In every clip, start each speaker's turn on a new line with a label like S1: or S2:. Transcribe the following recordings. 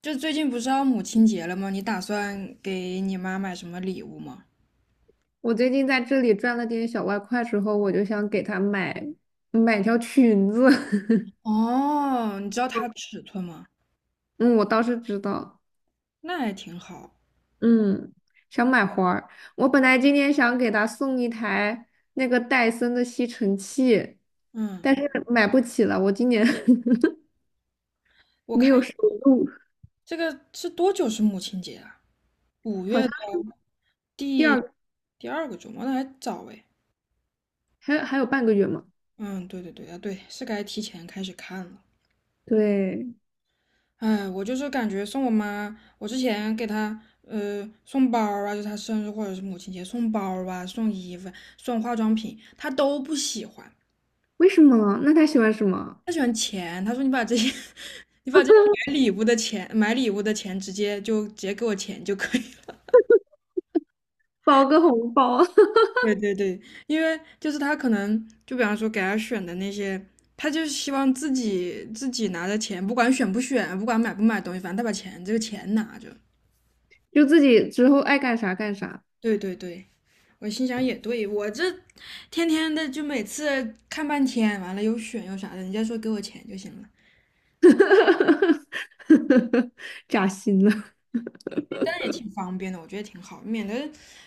S1: 就最近不是要母亲节了吗？你打算给你妈买什么礼物吗？
S2: 我最近在这里赚了点小外快之后，我就想给他买条裙子。
S1: 哦，你知道它尺寸吗？
S2: 嗯，我倒是知道。
S1: 那还挺好。
S2: 嗯，想买花儿。我本来今天想给他送一台那个戴森的吸尘器，
S1: 嗯，
S2: 但是买不起了，我今年
S1: 我
S2: 没有
S1: 看
S2: 收入。
S1: 这个是多久是母亲节啊？五
S2: 好
S1: 月
S2: 像
S1: 的
S2: 第
S1: 第
S2: 二
S1: 第二个周末，那还早哎。
S2: 还有半个月嘛。
S1: 嗯，对对对啊，对，是该提前开始看了。
S2: 对。
S1: 哎，我就是感觉送我妈，我之前给她送包儿啊，就她生日或者是母亲节送包儿啊，送衣服、送化妆品，她都不喜欢。
S2: 为什么？那他喜欢什么？
S1: 他喜欢钱，他说你把这些，你把这些买礼物的钱，买礼物的钱直接就直接给我钱就可以了。
S2: 包个红包。
S1: 对对对，因为就是他可能就比方说给他选的那些，他就是希望自己拿着钱，不管选不选，不管买不买东西，反正他把钱这个钱拿着。
S2: 就自己之后爱干啥干啥。
S1: 对对对，我心想也对，我这天天的就每次看半天，完了又选又啥的，人家说给我钱就行了。
S2: 扎心了。
S1: 但是也挺方便的，我觉得挺好，免得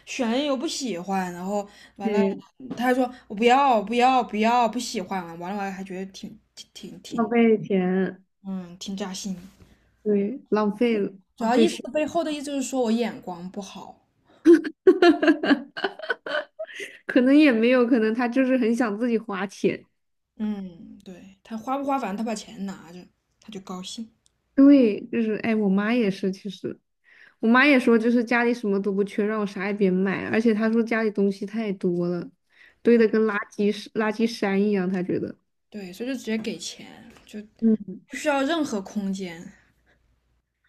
S1: 选了又不喜欢，然后 完了，
S2: 对。
S1: 他还说我不要不喜欢了。完了还觉得挺挺挺
S2: 浪
S1: 挺
S2: 费钱。
S1: 嗯挺扎心，
S2: 对，浪费了。
S1: 主
S2: 浪
S1: 要
S2: 费
S1: 意思
S2: 时，
S1: 背后的意思就是说我眼光不好。
S2: 可能也没有，可能他就是很想自己花钱。
S1: 嗯，对，他花不花反正他把钱拿着他就高兴。
S2: 对，就是哎，我妈也是。其实我妈也说，就是家里什么都不缺，让我啥也别买，而且她说家里东西太多了，堆的跟垃圾山一样，她觉得。
S1: 对，所以就直接给钱，就
S2: 嗯，
S1: 不需要任何空间。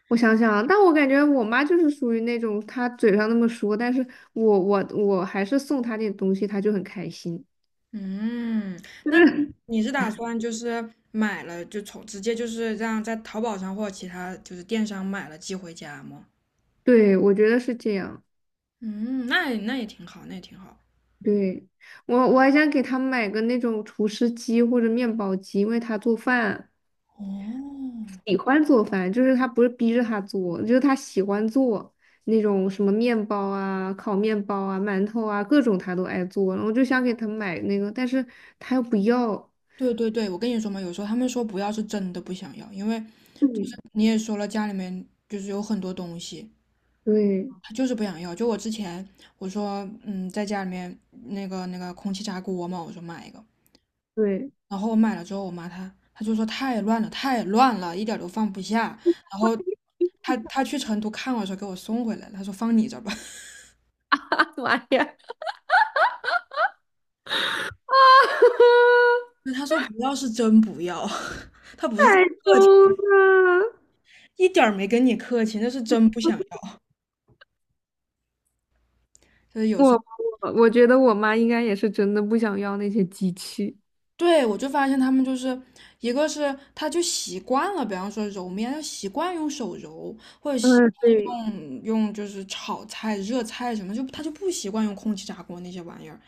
S2: 我想想啊，但我感觉我妈就是属于那种，她嘴上那么说，但是我还是送她点东西，她就很开心。
S1: 嗯，
S2: 就
S1: 那
S2: 是
S1: 你是打算就是买了就直接就是这样在淘宝上或其他就是电商买了寄回家吗？
S2: 对，我觉得是这样。
S1: 嗯，那也挺好，那也挺好。
S2: 对，我还想给他买个那种厨师机或者面包机，因为他做饭
S1: 哦，
S2: 喜欢做饭，就是他不是逼着他做，就是他喜欢做那种什么面包啊、烤面包啊、馒头啊，各种他都爱做。我就想给他买那个，但是他又不要。
S1: 对对对，我跟你说嘛，有时候他们说不要是真的不想要，因为
S2: 嗯，
S1: 你也说了家里面就是有很多东西，
S2: 对
S1: 他就是不想要。就我之前我说，在家里面那个空气炸锅嘛，我说买一个，
S2: 对。
S1: 然后我买了之后，我妈她就说太乱了，太乱了，一点儿都放不下。然后她去成都看我的时候给我送回来了，她说放你这儿吧。
S2: 妈呀！天
S1: 那她说不要是真不要，她不是在客气，
S2: 呐，
S1: 一点儿没跟你客气，那是真不想要。就是有时候，
S2: 我觉得我妈应该也是真的不想要那些机器。
S1: 对，我就发现他们就是一个是他就习惯了，比方说揉面，他习惯用手揉，或者习。
S2: 嗯，对。
S1: 用就是炒菜、热菜什么，就他就不习惯用空气炸锅那些玩意儿，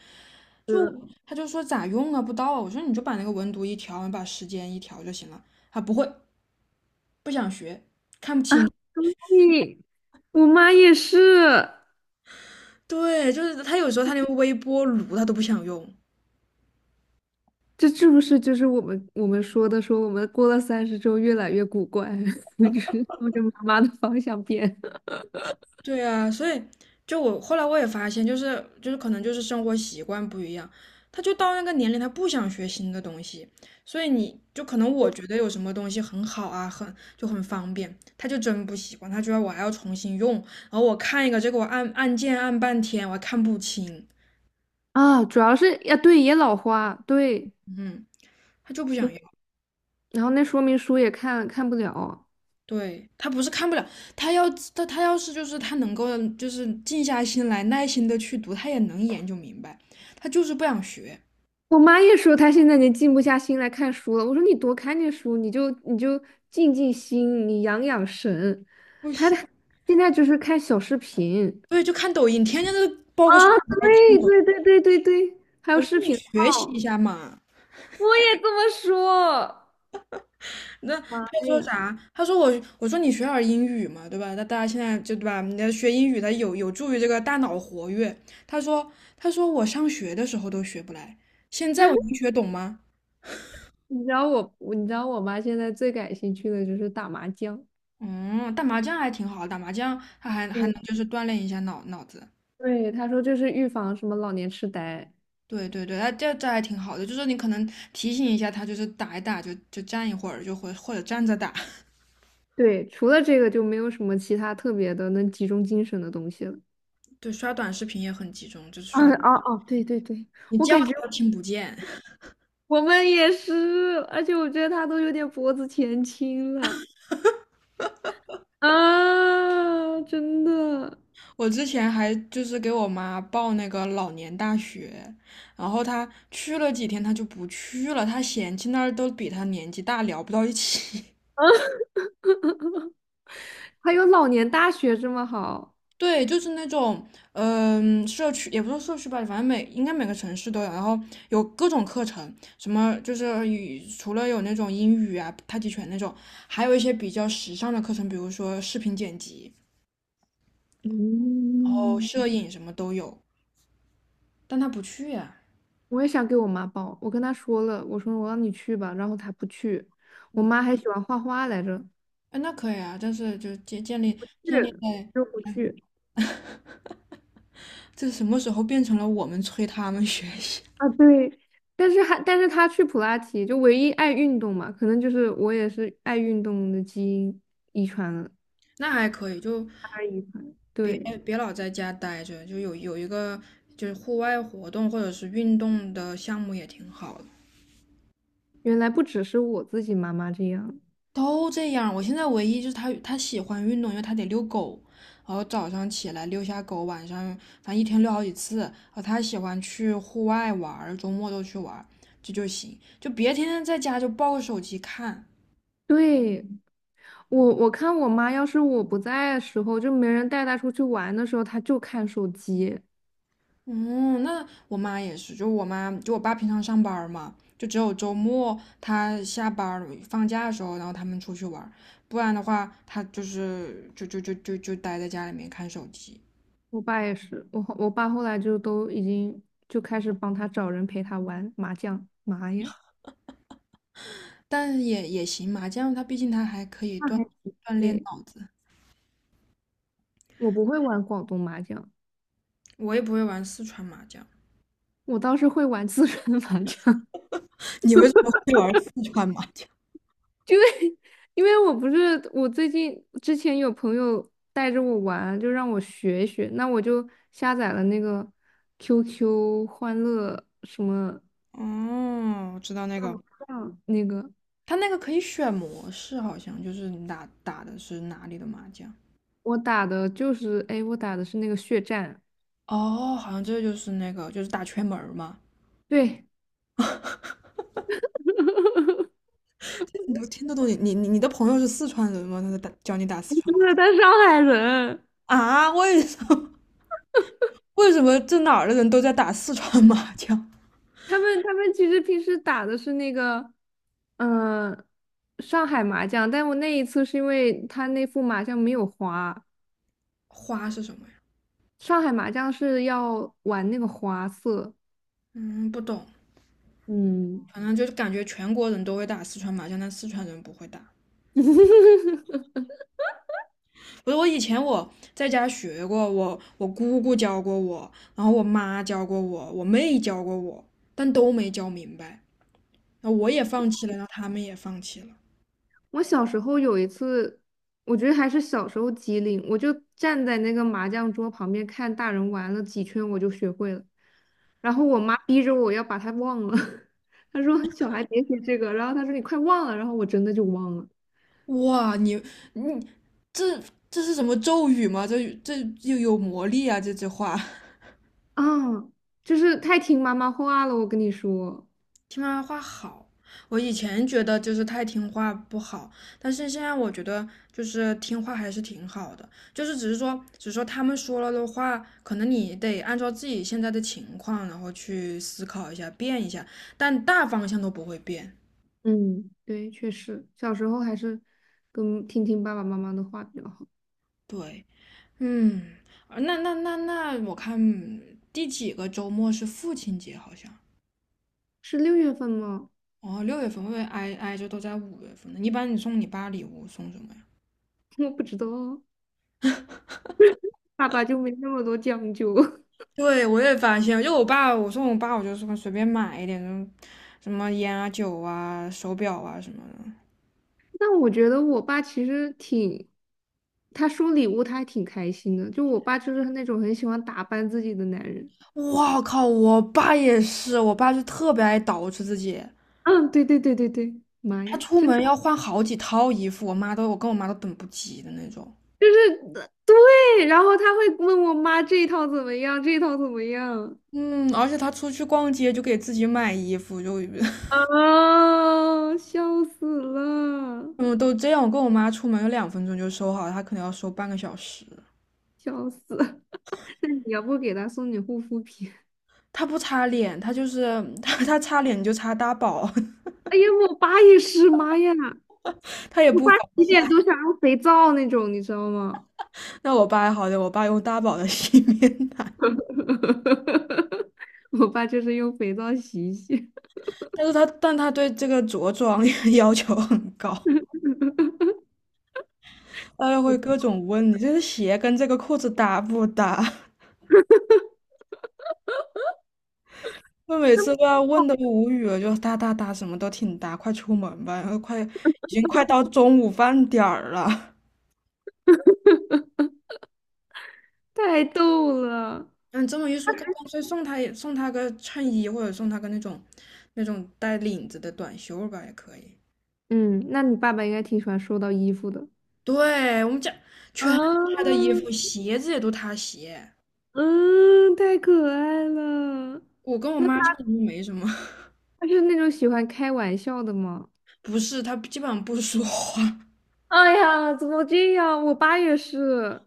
S1: 就
S2: 嗯，
S1: 他就说咋用啊，不到啊。我说你就把那个温度一调，你把时间一调就行了。他不会，不想学，看不清。
S2: 对，我妈也是。
S1: 对，就是他有时候他连微波炉他都不想用。
S2: 这是不是就是我们说的，说我们过了三十之后越来越古怪，就是朝着妈妈的方向变
S1: 对啊，所以就我后来我也发现，就是可能就是生活习惯不一样，他就到那个年龄，他不想学新的东西，所以你就可能我觉得有什么东西很好啊，很就很方便，他就真不习惯，他觉得我还要重新用，然后我看一个这个我按按键按半天，我还看不清。
S2: 啊？主要是呀，对，也老花。对
S1: 嗯，他就不
S2: 对，
S1: 想要。
S2: 然后那说明书也看不了。
S1: 对，他不是看不了，他要他要是就是他能够就是静下心来，耐心的去读，他也能研究明白，他就是不想学，
S2: 我妈也说她现在已经静不下心来看书了。我说你多看点书，你就静静心，你养养神。
S1: 不行。
S2: 现在就是看小视频
S1: 对，就看抖音，天天都抱
S2: 啊，
S1: 个小孩看
S2: 对
S1: 抖
S2: 对
S1: 音。
S2: 对对对对，还有
S1: 我说
S2: 视
S1: 你
S2: 频
S1: 学习一
S2: 号。
S1: 下嘛，
S2: 我也这么说。
S1: 那
S2: 妈
S1: 他说
S2: 呀！
S1: 啥？他说我，我说你学点儿英语嘛，对吧？那大家现在就对吧？你要学英语，它有助于这个大脑活跃。他说，他说我上学的时候都学不来，现在我能学懂吗？
S2: 你知道我妈现在最感兴趣的就是打麻将。
S1: 嗯，打麻将还挺好，打麻将他还
S2: 对。
S1: 能就是锻炼一下脑子。
S2: 对，她说这是预防什么老年痴呆。
S1: 对对对，它这还挺好的，就是你可能提醒一下他，就是打一打就站一会儿，或者站着打。
S2: 对，除了这个就没有什么其他特别的能集中精神的东西了。
S1: 对，刷短视频也很集中，就是刷，
S2: 嗯，哦哦，对对对。
S1: 你
S2: 我
S1: 叫
S2: 感
S1: 他
S2: 觉
S1: 都听不见。
S2: 我们也是，而且我觉得她都有点脖子前倾了啊，真的。
S1: 我之前还就是给我妈报那个老年大学，然后她去了几天，她就不去了，她嫌弃那儿都比她年纪大，聊不到一起。
S2: 还有老年大学这么好。
S1: 对，就是那种，嗯、社区也不是社区吧，反正每应该每个城市都有，然后有各种课程，什么就是语除了有那种英语啊、太极拳那种，还有一些比较时尚的课程，比如说视频剪辑，然后
S2: 嗯。
S1: 摄影什么都有。但他不去呀、
S2: 我也想给我妈报，我跟她说了，我说我让你去吧，然后她不去。我妈还喜欢画画来着，
S1: 哎，那可以啊，但是就建建立
S2: 去
S1: 在
S2: 就不去
S1: 这什么时候变成了我们催他们学习？
S2: 啊。对，但是她去普拉提，就唯一爱运动嘛，可能就是我也是爱运动的基因遗传了，
S1: 那还可以，就
S2: 大家遗传。
S1: 别
S2: 对，
S1: 别老在家待着，就有一个就是户外活动或者是运动的项目也挺好的。
S2: 原来不只是我自己妈妈这样。
S1: 都这样，我现在唯一就是他喜欢运动，因为他得遛狗，然后早上起来遛下狗，晚上反正一天遛好几次。然后他喜欢去户外玩儿，周末都去玩儿，这就行，就别天天在家就抱个手机看。
S2: 对，我看我妈，要是我不在的时候，就没人带她出去玩的时候，她就看手机。
S1: 嗯，那我妈也是，就我妈，就我爸平常上班儿嘛，就只有周末他下班儿放假的时候，然后他们出去玩儿不然的话，他就是就待在家里面看手机，
S2: 我爸也是，我爸后来就都已经就开始帮他找人陪他玩麻将。妈呀。
S1: 但也行嘛，麻将他毕竟他还可以
S2: 那
S1: 锻
S2: 还挺
S1: 锻炼
S2: 对。
S1: 脑子。
S2: 我不会玩广东麻将。
S1: 我也不会玩四川麻将。
S2: 我倒是会玩四川 麻将。
S1: 你为什么会玩四川麻将？
S2: 因为我不是我最近之前有朋友带着我玩，就让我学一学。那我就下载了那个 QQ 欢乐什么
S1: 哦，我知道那
S2: 乐
S1: 个，
S2: 麻将那个。
S1: 他那个可以选模式，好像就是你打的是哪里的麻将。
S2: 我打的就是，哎，我打的是那个血战。
S1: 哦，好像这就是那个就是打圈门儿嘛。
S2: 对。不
S1: 你都听得懂你的朋友是四川人吗？他在打教你打四川
S2: 是
S1: 话，
S2: 他上海人。
S1: 啊？为什么 为什么这哪儿的人都在打四川麻将？
S2: 他们其实平时打的是那个，嗯、上海麻将。但我那一次是因为他那副麻将没有花。
S1: 花是什么呀？
S2: 上海麻将是要玩那个花色。
S1: 嗯，不懂。
S2: 嗯。
S1: 反正就是感觉全国人都会打四川麻将，但四川人不会打。不是我以前我在家学过，我姑姑教过我，然后我妈教过我，我妹教过我，但都没教明白。那我也放弃了，然后他们也放弃了。
S2: 我小时候有一次，我觉得还是小时候机灵，我就站在那个麻将桌旁边看大人玩了几圈，我就学会了。然后我妈逼着我要把它忘了，她说小孩别学这个，然后她说你快忘了，然后我真的就忘了。
S1: 哇，你你这这是什么咒语吗？这又有魔力啊！这句话，
S2: 啊，就是太听妈妈话了，我跟你说。
S1: 听妈妈话好。我以前觉得就是太听话不好，但是现在我觉得就是听话还是挺好的，就是只是说,他们说了的话，可能你得按照自己现在的情况，然后去思考一下，变一下，但大方向都不会变。
S2: 嗯，对，确实，小时候还是跟听听爸爸妈妈的话比较好。
S1: 对，嗯，那，我看第几个周末是父亲节，好像
S2: 是六月份吗？
S1: 哦，六月份会不会挨着都在五月份呢。一般你送你爸礼物送什么呀？
S2: 我不知道啊。爸爸就没那么多讲究。
S1: 对，我也发现，就我爸，我送我爸，我就说随便买一点，什么烟啊、酒啊、手表啊什么的。
S2: 但我觉得我爸其实挺，他收礼物他还挺开心的。就我爸就是那种很喜欢打扮自己的男人。
S1: 哇靠！我爸也是，我爸就特别爱捯饬自己，
S2: 嗯，对对对对对，妈
S1: 他
S2: 呀，
S1: 出
S2: 真
S1: 门要换好几套衣服，我妈都我跟我妈都等不及的那种。
S2: 就是对，然后他会问我妈这一套怎么样，这一套怎么样。
S1: 嗯，而且他出去逛街就给自己买衣服，就
S2: 啊，笑死了，
S1: 嗯都这样。我跟我妈出门有两分钟就收好，他可能要收半个小时。
S2: 笑死！那你要不给他送点护肤品？
S1: 他不擦脸，他就是 他擦脸就擦大宝，
S2: 哎呀，我爸也是，妈呀，
S1: 他也
S2: 我
S1: 不
S2: 爸
S1: 防。
S2: 洗脸都想用肥皂那种，你知道吗？
S1: 那我爸好的，我爸用大宝的 洗面奶，
S2: 我爸就是用肥皂洗一洗。
S1: 但他对这个着装 要求很高，他又会各种问你这个鞋跟这个裤子搭不搭。我每次都要问的无语了，就搭，什么都挺搭，快出门吧，然后快已经快到中午饭点儿了。
S2: 太逗了。
S1: 嗯，这么一说，干脆送他送他个衬衣，或者送他个那种带领子的短袖吧，也可以。
S2: 嗯，那你爸爸应该挺喜欢收到衣服的。
S1: 对，我们家全是他的
S2: 啊，
S1: 衣服，鞋子也都他洗。
S2: 嗯，太可爱了。
S1: 我跟我
S2: 那他
S1: 妈基本上没什么，
S2: 他是那种喜欢开玩笑的吗？
S1: 不是，她基本上不说话。
S2: 哎呀，怎么这样？我爸也是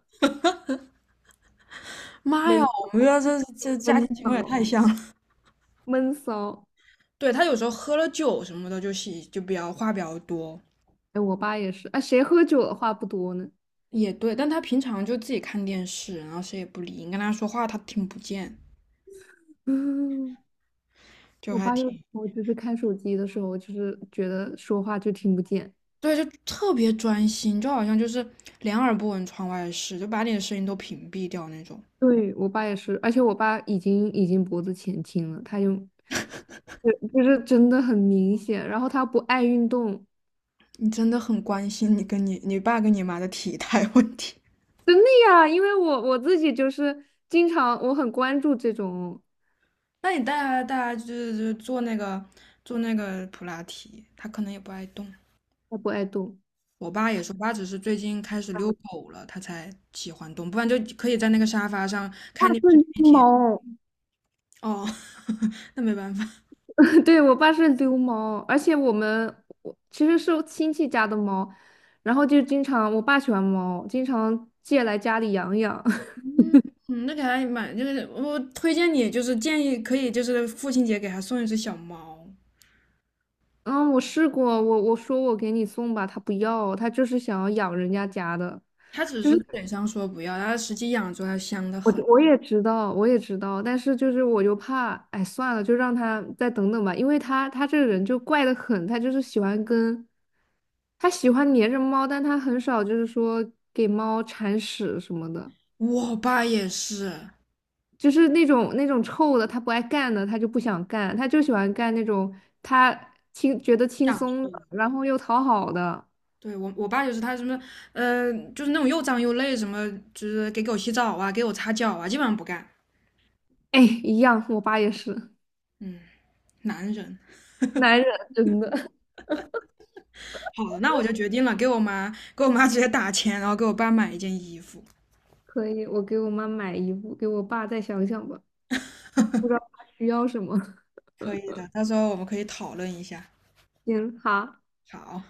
S1: 妈呀，
S2: 闷骚，
S1: 我们家这家
S2: 闷
S1: 庭情况也
S2: 骚，
S1: 太像了。
S2: 闷骚。
S1: 对，她有时候喝了酒什么的，就喜就比较话比较多，
S2: 哎，我爸也是。哎，谁喝酒的话不多呢？
S1: 也对。但她平常就自己看电视，然后谁也不理，你跟她说话她听不见，
S2: 嗯，
S1: 就
S2: 我
S1: 还
S2: 爸有时
S1: 挺
S2: 候就是看手机的时候，就是觉得说话就听不见。
S1: 对，就特别专心，就好像就是两耳不闻窗外事，就把你的声音都屏蔽掉那种。
S2: 对，我爸也是，而且我爸已经脖子前倾了，他就是真的很明显。然后他不爱运动，
S1: 你真的很关心你跟你爸跟你妈的体态问题。
S2: 真的呀，因为我自己就是经常我很关注这种，
S1: 那你带他就是就是做那个做那个普拉提，他可能也不爱动。
S2: 他不爱动。
S1: 我爸也是，我爸只是最近开始遛狗了，他才喜欢动，不然就可以在那个沙发上
S2: 大
S1: 看电视
S2: 顺
S1: 一
S2: 之
S1: 天。
S2: 猫。
S1: 哦，那没办法。
S2: 对，我爸是流氓，而且我其实是亲戚家的猫。然后就经常我爸喜欢猫，经常借来家里养养。
S1: 嗯，那给他买，就是我推荐你，就是建议可以，就是父亲节给他送一只小猫。
S2: 嗯，我试过，我说我给你送吧，他不要，他就是想要养人家家的。
S1: 他只是嘴上说不要，他实际养着它香得
S2: 我
S1: 很。
S2: 我也知道，我也知道，但是就是我就怕，哎，算了，就让他再等等吧，因为他这个人就怪得很，他就是喜欢跟，他喜欢黏着猫，但他很少就是说给猫铲屎什么的。
S1: 我爸也是
S2: 就是那种臭的，他不爱干的，他就不想干，他就喜欢干那种他觉得轻
S1: 养
S2: 松的，
S1: 宠
S2: 然后又讨好的。
S1: 对我爸就是他什么，就是那种又脏又累，什么就是给狗洗澡啊，给我擦脚啊，基本上不干。
S2: 哎，一样，我爸也是
S1: 嗯，男人。
S2: 男人，真的
S1: 好，那我就决定了，给我妈直接打钱，然后给我爸买一件衣服。
S2: 可以。我给我妈买衣服，给我爸再想想吧，不知道 他需要什么。
S1: 可以的，到时候我们可以讨论一下。
S2: 行，好。
S1: 好。